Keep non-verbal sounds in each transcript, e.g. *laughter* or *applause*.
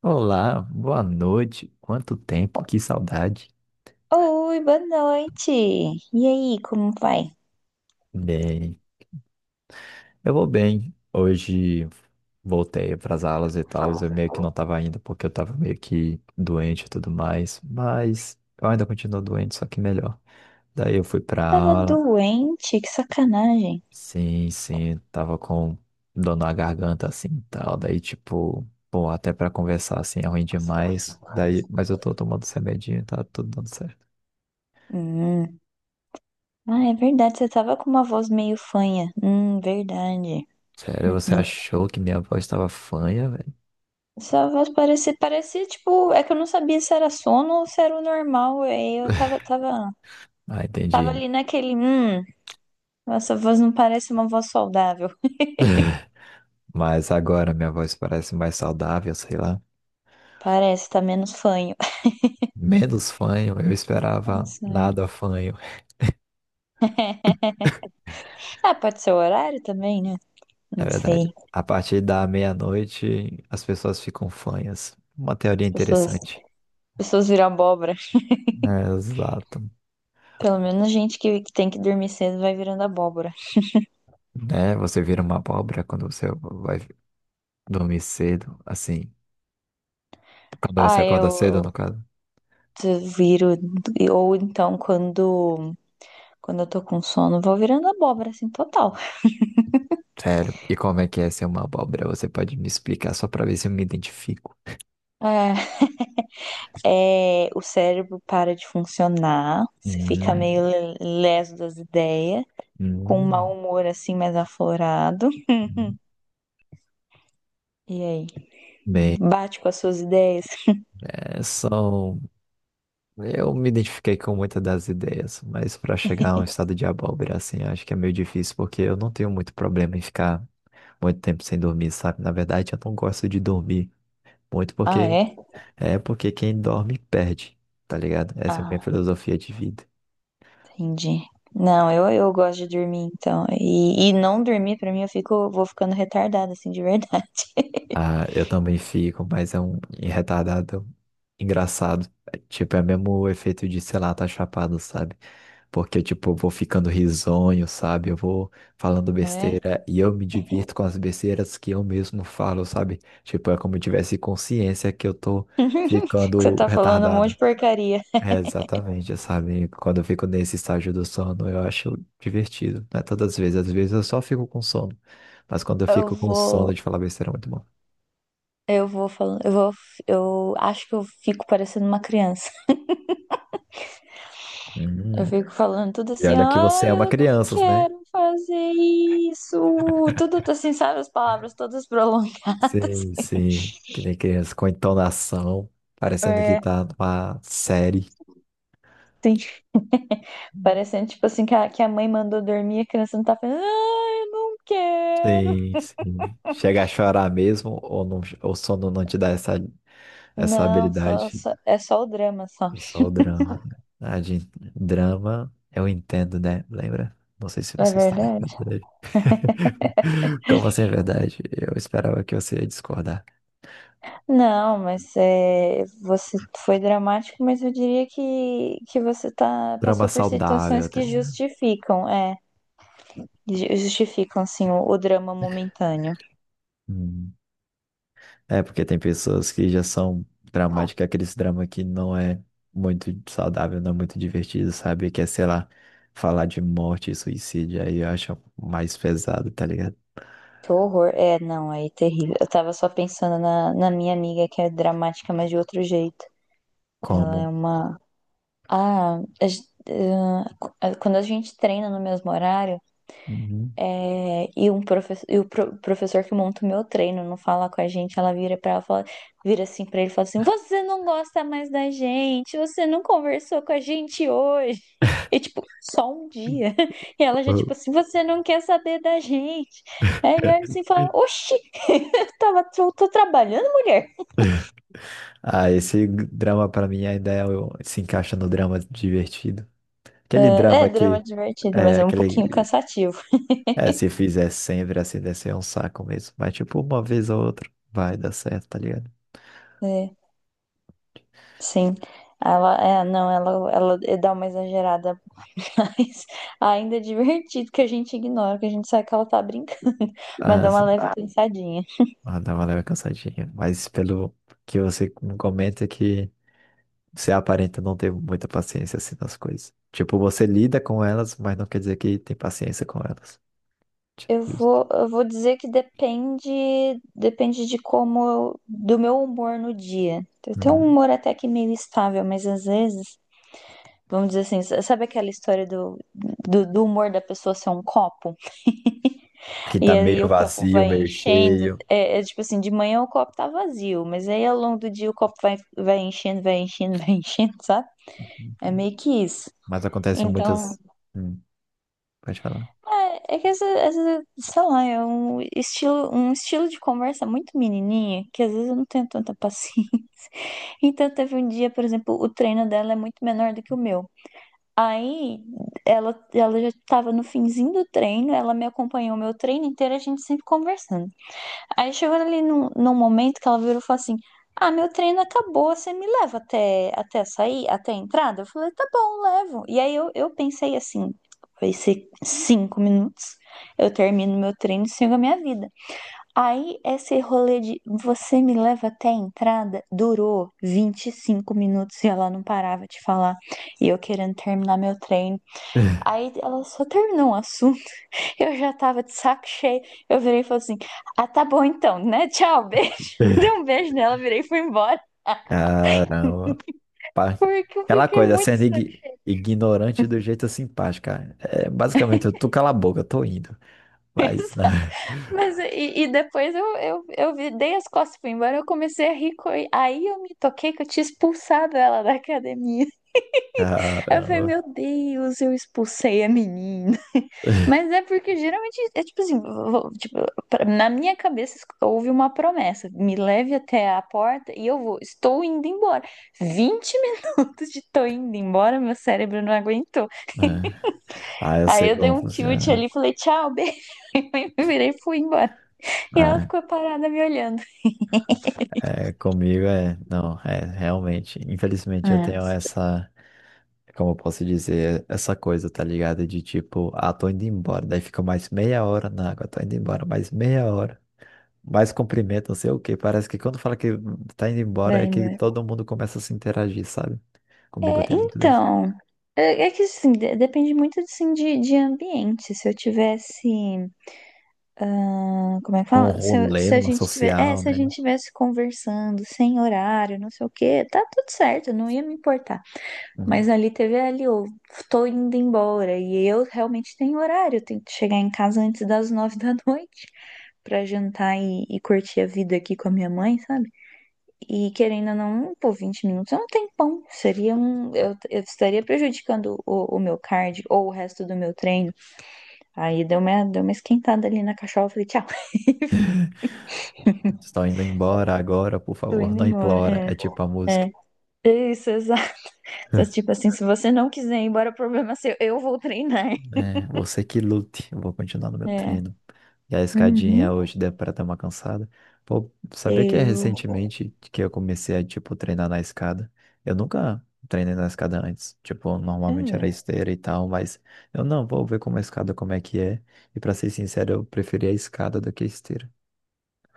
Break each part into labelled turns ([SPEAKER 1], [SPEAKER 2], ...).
[SPEAKER 1] Olá, boa noite. Quanto tempo, que saudade.
[SPEAKER 2] Oi, boa noite. E aí, como vai?
[SPEAKER 1] Bem, eu vou bem. Hoje voltei para as aulas e tal. Eu meio que não estava indo porque eu estava meio que doente e tudo mais, mas eu ainda continuo doente, só que melhor. Daí eu fui para
[SPEAKER 2] Eu tava
[SPEAKER 1] aula.
[SPEAKER 2] doente, que sacanagem.
[SPEAKER 1] Sim, sim, tava com dor na garganta assim e tal. Daí tipo, pô, até para conversar assim é ruim
[SPEAKER 2] Nossa, é ruim
[SPEAKER 1] demais.
[SPEAKER 2] demais.
[SPEAKER 1] Daí, mas eu tô tomando esse remedinho, e tá tudo dando certo.
[SPEAKER 2] Hum. Ah, é verdade, você tava com uma voz meio fanha. Verdade.
[SPEAKER 1] Sério, você
[SPEAKER 2] *laughs*
[SPEAKER 1] achou que minha voz estava fanha, velho?
[SPEAKER 2] Uhum. Sua voz parecia tipo, é que eu não sabia se era sono ou se era o normal. aí Eu tava, tava,
[SPEAKER 1] Ah,
[SPEAKER 2] tava
[SPEAKER 1] entendi.
[SPEAKER 2] ali naquele, essa voz não parece uma voz saudável.
[SPEAKER 1] *laughs* Mas agora minha voz parece mais saudável, sei lá.
[SPEAKER 2] Parece, tá menos fanho. *laughs*
[SPEAKER 1] Menos fanho, eu
[SPEAKER 2] Ah, não
[SPEAKER 1] esperava
[SPEAKER 2] sei.
[SPEAKER 1] nada fanho. *laughs*
[SPEAKER 2] Ah, pode ser o horário também, né?
[SPEAKER 1] É
[SPEAKER 2] Não
[SPEAKER 1] verdade.
[SPEAKER 2] sei.
[SPEAKER 1] A partir da meia-noite, as pessoas ficam fanhas. Uma teoria
[SPEAKER 2] As pessoas, as
[SPEAKER 1] interessante.
[SPEAKER 2] pessoas viram abóbora.
[SPEAKER 1] É, exato.
[SPEAKER 2] Pelo menos gente que tem que dormir cedo vai virando abóbora.
[SPEAKER 1] Né? Você vira uma abóbora quando você vai dormir cedo, assim. Quando você
[SPEAKER 2] Ah,
[SPEAKER 1] acorda cedo, no
[SPEAKER 2] eu
[SPEAKER 1] caso.
[SPEAKER 2] eu viro. Ou então, quando eu tô com sono, vou virando abóbora, assim, total.
[SPEAKER 1] Sério. E como é que é ser uma abóbora? Você pode me explicar só pra ver se eu me identifico?
[SPEAKER 2] É, é, o cérebro para de funcionar, você fica
[SPEAKER 1] Hum,
[SPEAKER 2] meio leso das ideias, com um mau
[SPEAKER 1] hum.
[SPEAKER 2] humor, assim, mais aflorado.
[SPEAKER 1] Hum.
[SPEAKER 2] E aí?
[SPEAKER 1] Bem.
[SPEAKER 2] Bate com as suas ideias?
[SPEAKER 1] É, são. Eu me identifiquei com muitas das ideias, mas para chegar a um estado de abóbora, assim, acho que é meio difícil, porque eu não tenho muito problema em ficar muito tempo sem dormir, sabe? Na verdade, eu não gosto de dormir muito,
[SPEAKER 2] Ah,
[SPEAKER 1] porque
[SPEAKER 2] é?
[SPEAKER 1] é porque quem dorme perde, tá ligado? Essa é a minha
[SPEAKER 2] Ah,
[SPEAKER 1] filosofia de vida.
[SPEAKER 2] entendi. Não, eu gosto de dormir, então. E não dormir, pra mim, eu fico, vou ficando retardada, assim, de verdade. *laughs*
[SPEAKER 1] Ah, eu também fico, mas é um retardado engraçado. É, tipo, é mesmo o efeito de, sei lá, tá chapado, sabe? Porque, tipo, eu vou ficando risonho, sabe? Eu vou falando
[SPEAKER 2] É.
[SPEAKER 1] besteira e eu me divirto com as besteiras que eu mesmo falo, sabe? Tipo, é como eu tivesse consciência que eu tô
[SPEAKER 2] *laughs* Que você
[SPEAKER 1] ficando
[SPEAKER 2] tá falando um monte
[SPEAKER 1] retardado.
[SPEAKER 2] de porcaria.
[SPEAKER 1] É, exatamente, sabe? Quando eu fico nesse estágio do sono, eu acho divertido. Não é todas as vezes, às vezes eu só fico com sono. Mas quando eu
[SPEAKER 2] Eu
[SPEAKER 1] fico com sono
[SPEAKER 2] vou,
[SPEAKER 1] de falar besteira, é muito bom.
[SPEAKER 2] eu vou falando, eu acho que eu fico parecendo uma criança. Eu
[SPEAKER 1] Hum.
[SPEAKER 2] fico falando tudo
[SPEAKER 1] E
[SPEAKER 2] assim,
[SPEAKER 1] olha que você
[SPEAKER 2] ai,
[SPEAKER 1] ama
[SPEAKER 2] piada eu que não você.
[SPEAKER 1] crianças, né?
[SPEAKER 2] Quero fazer isso. Tudo assim, sabe? As palavras todas prolongadas.
[SPEAKER 1] Sim, sim. Que nem
[SPEAKER 2] *laughs*
[SPEAKER 1] criança com entonação, parecendo que
[SPEAKER 2] É,
[SPEAKER 1] tá numa série.
[SPEAKER 2] Sim. Parecendo tipo assim que a mãe mandou dormir, a criança não tá falando, ai, eu não quero.
[SPEAKER 1] Sim, sim. Chega a chorar mesmo ou não, o sono não te dá essa, essa
[SPEAKER 2] Não,
[SPEAKER 1] habilidade?
[SPEAKER 2] é só o drama, só.
[SPEAKER 1] É só o drama. Ah, de drama, eu entendo, né? Lembra? Não sei se
[SPEAKER 2] É
[SPEAKER 1] você está
[SPEAKER 2] verdade.
[SPEAKER 1] lembrando dele. *laughs* Como assim é verdade? Eu esperava que você ia discordar.
[SPEAKER 2] Não, mas é, você foi dramático, mas eu diria que você tá,
[SPEAKER 1] Drama
[SPEAKER 2] passou por
[SPEAKER 1] saudável,
[SPEAKER 2] situações
[SPEAKER 1] tá
[SPEAKER 2] que
[SPEAKER 1] ligado?
[SPEAKER 2] justificam. É. Justificam, assim, o drama momentâneo.
[SPEAKER 1] Hum. É, porque tem pessoas que já são dramáticas, aquele drama que não é muito saudável, não é muito divertido, sabe? Que é, sei lá, falar de morte e suicídio, aí eu acho mais pesado, tá ligado?
[SPEAKER 2] Que horror. É, não, aí é terrível. Eu tava só pensando na minha amiga, que é dramática, mas de outro jeito. Ela é
[SPEAKER 1] Como?
[SPEAKER 2] uma. Ah, a gen- ah, qu- ah, quando a gente treina no mesmo horário.
[SPEAKER 1] Uhum.
[SPEAKER 2] É, e, um professor, e o professor que monta o meu treino não fala com a gente, ela vira para ela, fala, vira assim para ele e fala assim: Você não gosta mais da gente, você não conversou com a gente hoje. *laughs* E tipo, só um dia. *laughs* E ela já, tipo assim,
[SPEAKER 1] *laughs*
[SPEAKER 2] você não quer saber da gente. Aí ele olha assim e fala: Oxi, *laughs* eu tô trabalhando, mulher.
[SPEAKER 1] Ah, esse drama pra mim ainda é se encaixa no drama divertido. Aquele
[SPEAKER 2] É, é
[SPEAKER 1] drama
[SPEAKER 2] drama
[SPEAKER 1] que
[SPEAKER 2] divertido, mas
[SPEAKER 1] é
[SPEAKER 2] é um pouquinho
[SPEAKER 1] aquele
[SPEAKER 2] cansativo.
[SPEAKER 1] é, se fizer sempre assim, deve ser um saco mesmo. Mas tipo, uma vez ou outra vai dar certo, tá ligado?
[SPEAKER 2] É. Sim, ela é, não, ela é, dá uma exagerada, *laughs* mas ainda é divertido que a gente ignora, que a gente sabe que ela tá brincando, *laughs* mas
[SPEAKER 1] Ah,
[SPEAKER 2] dá uma
[SPEAKER 1] sim.
[SPEAKER 2] leve, claro, pensadinha.
[SPEAKER 1] Ah, dá uma leve cansadinha. Mas pelo que você me comenta que você aparenta não ter muita paciência assim nas coisas. Tipo, você lida com elas, mas não quer dizer que tem paciência com elas. Tipo
[SPEAKER 2] Eu
[SPEAKER 1] isso.
[SPEAKER 2] vou, eu vou dizer que depende de como, do meu humor no dia. Eu tenho um
[SPEAKER 1] Uhum.
[SPEAKER 2] humor até que meio estável, mas às vezes, vamos dizer assim, sabe aquela história do humor da pessoa ser um copo?
[SPEAKER 1] Que tá
[SPEAKER 2] E aí
[SPEAKER 1] meio
[SPEAKER 2] o copo
[SPEAKER 1] vazio,
[SPEAKER 2] vai
[SPEAKER 1] meio
[SPEAKER 2] enchendo.
[SPEAKER 1] cheio.
[SPEAKER 2] É, tipo assim, de manhã o copo tá vazio, mas aí ao longo do dia o copo vai enchendo, vai enchendo, *laughs* vai enchendo, sabe? É
[SPEAKER 1] Uhum.
[SPEAKER 2] meio que isso.
[SPEAKER 1] Mas acontece
[SPEAKER 2] Então,
[SPEAKER 1] muitas. Hum, pode falar.
[SPEAKER 2] é que essa, sei lá, é um estilo de conversa muito menininha, que às vezes eu não tenho tanta paciência. *laughs* Então, teve um dia, por exemplo, o treino dela é muito menor do que o meu. Aí, ela já estava no finzinho do treino, ela me acompanhou o meu treino inteiro, a gente sempre conversando. Aí chegou ali num momento que ela virou e falou assim: Ah, meu treino acabou, você me leva até sair, até a entrada? Eu falei: Tá bom, levo. E aí eu pensei assim: Vai ser 5 minutos, eu termino meu treino e sigo a minha vida. Aí esse rolê de você me leva até a entrada durou 25 minutos e ela não parava de falar, e eu querendo terminar meu treino. Aí ela só terminou o assunto. Eu já tava de saco cheio. Eu virei e falei assim: Ah, tá bom então, né? Tchau, beijo. *laughs* Dei um
[SPEAKER 1] *laughs*
[SPEAKER 2] beijo nela, virei e fui embora.
[SPEAKER 1] Caramba. Pa-
[SPEAKER 2] Porque eu
[SPEAKER 1] Aquela
[SPEAKER 2] fiquei
[SPEAKER 1] coisa,
[SPEAKER 2] muito
[SPEAKER 1] sendo
[SPEAKER 2] sacada.
[SPEAKER 1] ignorante do jeito simpático, cara. É basicamente, eu tô cala a boca, eu tô indo. Mas, né? *laughs*
[SPEAKER 2] Mas e depois eu dei as costas e fui embora. Eu comecei a rir. Aí eu me toquei que eu tinha expulsado ela da academia. Aí eu falei,
[SPEAKER 1] Caramba.
[SPEAKER 2] meu Deus, eu expulsei a menina. *laughs* Mas é porque geralmente é tipo assim, tipo, na minha cabeça houve uma promessa. Me leve até a porta e eu vou. Estou indo embora. Vinte *laughs* minutos de tô indo embora, meu cérebro não aguentou.
[SPEAKER 1] Né. Ah, eu
[SPEAKER 2] Aí
[SPEAKER 1] sei
[SPEAKER 2] eu dei
[SPEAKER 1] como
[SPEAKER 2] um tilt
[SPEAKER 1] funciona.
[SPEAKER 2] ali e falei, tchau, beijo. *laughs* E me virei e fui embora. E ela
[SPEAKER 1] Ah,
[SPEAKER 2] ficou parada me olhando.
[SPEAKER 1] é, comigo é. Não, é, realmente. Infelizmente eu
[SPEAKER 2] Ah,
[SPEAKER 1] tenho essa. Como eu posso dizer? Essa coisa, tá ligado? De tipo, ah, tô indo embora. Daí fica mais meia hora na água, tô indo embora, mais meia hora. Mais cumprimento, não sei o quê. Parece que quando fala que tá indo embora é
[SPEAKER 2] vai
[SPEAKER 1] que
[SPEAKER 2] embora.
[SPEAKER 1] todo mundo começa a se interagir, sabe? Comigo
[SPEAKER 2] É,
[SPEAKER 1] tem muito dessa.
[SPEAKER 2] então, é que assim, depende muito assim, de ambiente. Se eu tivesse. Ah, como é que
[SPEAKER 1] Num
[SPEAKER 2] fala?
[SPEAKER 1] rolê,
[SPEAKER 2] Se a
[SPEAKER 1] numa
[SPEAKER 2] gente tiver, é,
[SPEAKER 1] social,
[SPEAKER 2] se a
[SPEAKER 1] né?
[SPEAKER 2] gente tivesse conversando sem horário, não sei o quê, tá tudo certo, não ia me importar.
[SPEAKER 1] Uhum.
[SPEAKER 2] Mas ali teve é, ali, eu tô indo embora e eu realmente tenho horário, eu tenho que chegar em casa antes das *laughs* 9 da noite pra jantar e curtir a vida aqui com a minha mãe, sabe? E querendo ou não, pô, 20 minutos é um tempão. Seria um, eu estaria prejudicando o meu cardio ou o resto do meu treino. Aí deu uma esquentada ali na cachola, eu falei, tchau, *laughs*
[SPEAKER 1] *laughs* Estou indo embora agora, por
[SPEAKER 2] tô
[SPEAKER 1] favor,
[SPEAKER 2] indo
[SPEAKER 1] não
[SPEAKER 2] embora.
[SPEAKER 1] implora. É tipo a
[SPEAKER 2] É.
[SPEAKER 1] música.
[SPEAKER 2] É. Isso, exato. *laughs* Tipo assim, se você não quiser ir embora, o problema é seu. Eu vou treinar. *laughs*
[SPEAKER 1] É, você que lute, eu vou continuar no meu
[SPEAKER 2] É.
[SPEAKER 1] treino. E a escadinha
[SPEAKER 2] Uhum.
[SPEAKER 1] hoje deu para dar uma cansada. Pô, sabia que é
[SPEAKER 2] Eu.
[SPEAKER 1] recentemente que eu comecei a, tipo, treinar na escada? Eu nunca treinei na escada antes. Tipo, normalmente era
[SPEAKER 2] Ah.
[SPEAKER 1] esteira e tal, mas eu não, vou ver como a escada, como é que é. E pra ser sincero, eu preferi a escada do que a esteira.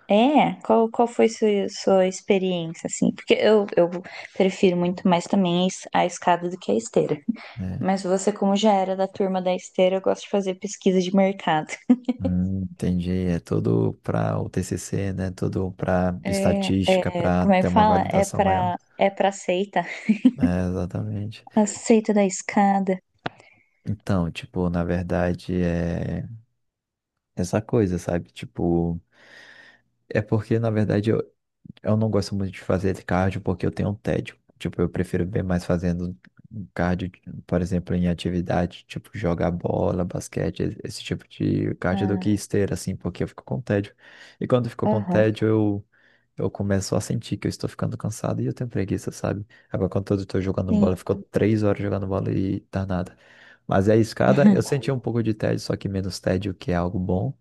[SPEAKER 2] É, qual foi sua experiência, assim? Porque eu prefiro muito mais também a a escada do que a esteira.
[SPEAKER 1] É.
[SPEAKER 2] Mas você, como já era da turma da esteira, eu gosto de fazer pesquisa de mercado.
[SPEAKER 1] Entendi. É tudo para o TCC, né? Tudo para
[SPEAKER 2] É,
[SPEAKER 1] estatística,
[SPEAKER 2] é,
[SPEAKER 1] para
[SPEAKER 2] como é
[SPEAKER 1] ter
[SPEAKER 2] que
[SPEAKER 1] uma
[SPEAKER 2] fala? É
[SPEAKER 1] validação maior.
[SPEAKER 2] pra, é pra seita.
[SPEAKER 1] É, exatamente.
[SPEAKER 2] A seita da escada.
[SPEAKER 1] Então, tipo, na verdade é essa coisa, sabe? Tipo, é porque na verdade eu não gosto muito de fazer cardio porque eu tenho um tédio. Tipo, eu prefiro ver mais fazendo um cardio, por exemplo, em atividade, tipo jogar bola, basquete, esse tipo de cardio do
[SPEAKER 2] Ah,
[SPEAKER 1] que esteira, assim, porque eu fico com tédio. E quando eu fico com
[SPEAKER 2] aham,
[SPEAKER 1] tédio, eu começo a sentir que eu estou ficando cansado e eu tenho preguiça, sabe? Agora, quando eu estou jogando bola,
[SPEAKER 2] sim.
[SPEAKER 1] ficou 3 horas jogando bola e tá nada. Mas a escada, eu
[SPEAKER 2] *laughs*
[SPEAKER 1] senti um pouco de tédio, só que menos tédio, que é algo bom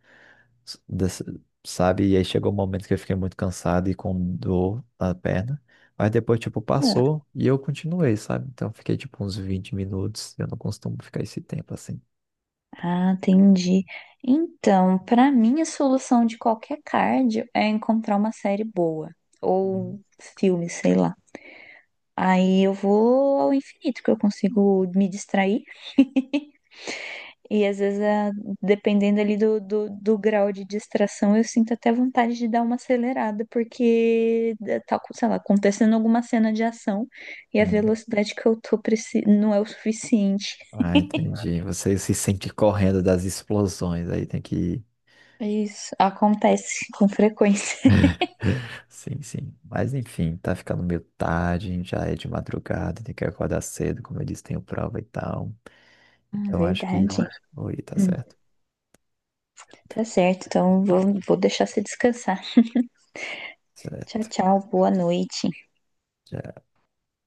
[SPEAKER 1] s- dessa- sabe? E aí chegou um momento que eu fiquei muito cansado e com dor na perna. Mas depois, tipo, passou e eu continuei, sabe? Então eu fiquei, tipo, uns 20 minutos. Eu não costumo ficar esse tempo assim.
[SPEAKER 2] Ah, entendi. Então, para mim, a solução de qualquer cardio é encontrar uma série boa
[SPEAKER 1] Uhum.
[SPEAKER 2] ou filme, sei lá. Aí eu vou ao infinito, que eu consigo me distrair. E às vezes, dependendo ali do grau de distração, eu sinto até vontade de dar uma acelerada, porque tá, sei lá, acontecendo alguma cena de ação e a
[SPEAKER 1] Hum.
[SPEAKER 2] velocidade que eu tô não é o suficiente.
[SPEAKER 1] Ah, entendi. Você se sente correndo das explosões, aí tem que ir.
[SPEAKER 2] É isso acontece com frequência. *laughs*
[SPEAKER 1] Sim, sim. Mas enfim, tá ficando meio tarde, já é de madrugada, tem que acordar cedo, como eu disse, tenho prova e tal.
[SPEAKER 2] Ah,
[SPEAKER 1] Então acho que.
[SPEAKER 2] verdade.
[SPEAKER 1] Oi, tá
[SPEAKER 2] Hum,
[SPEAKER 1] certo.
[SPEAKER 2] tá certo, então vou deixar você descansar. Tchau,
[SPEAKER 1] Certo.
[SPEAKER 2] tchau, boa noite.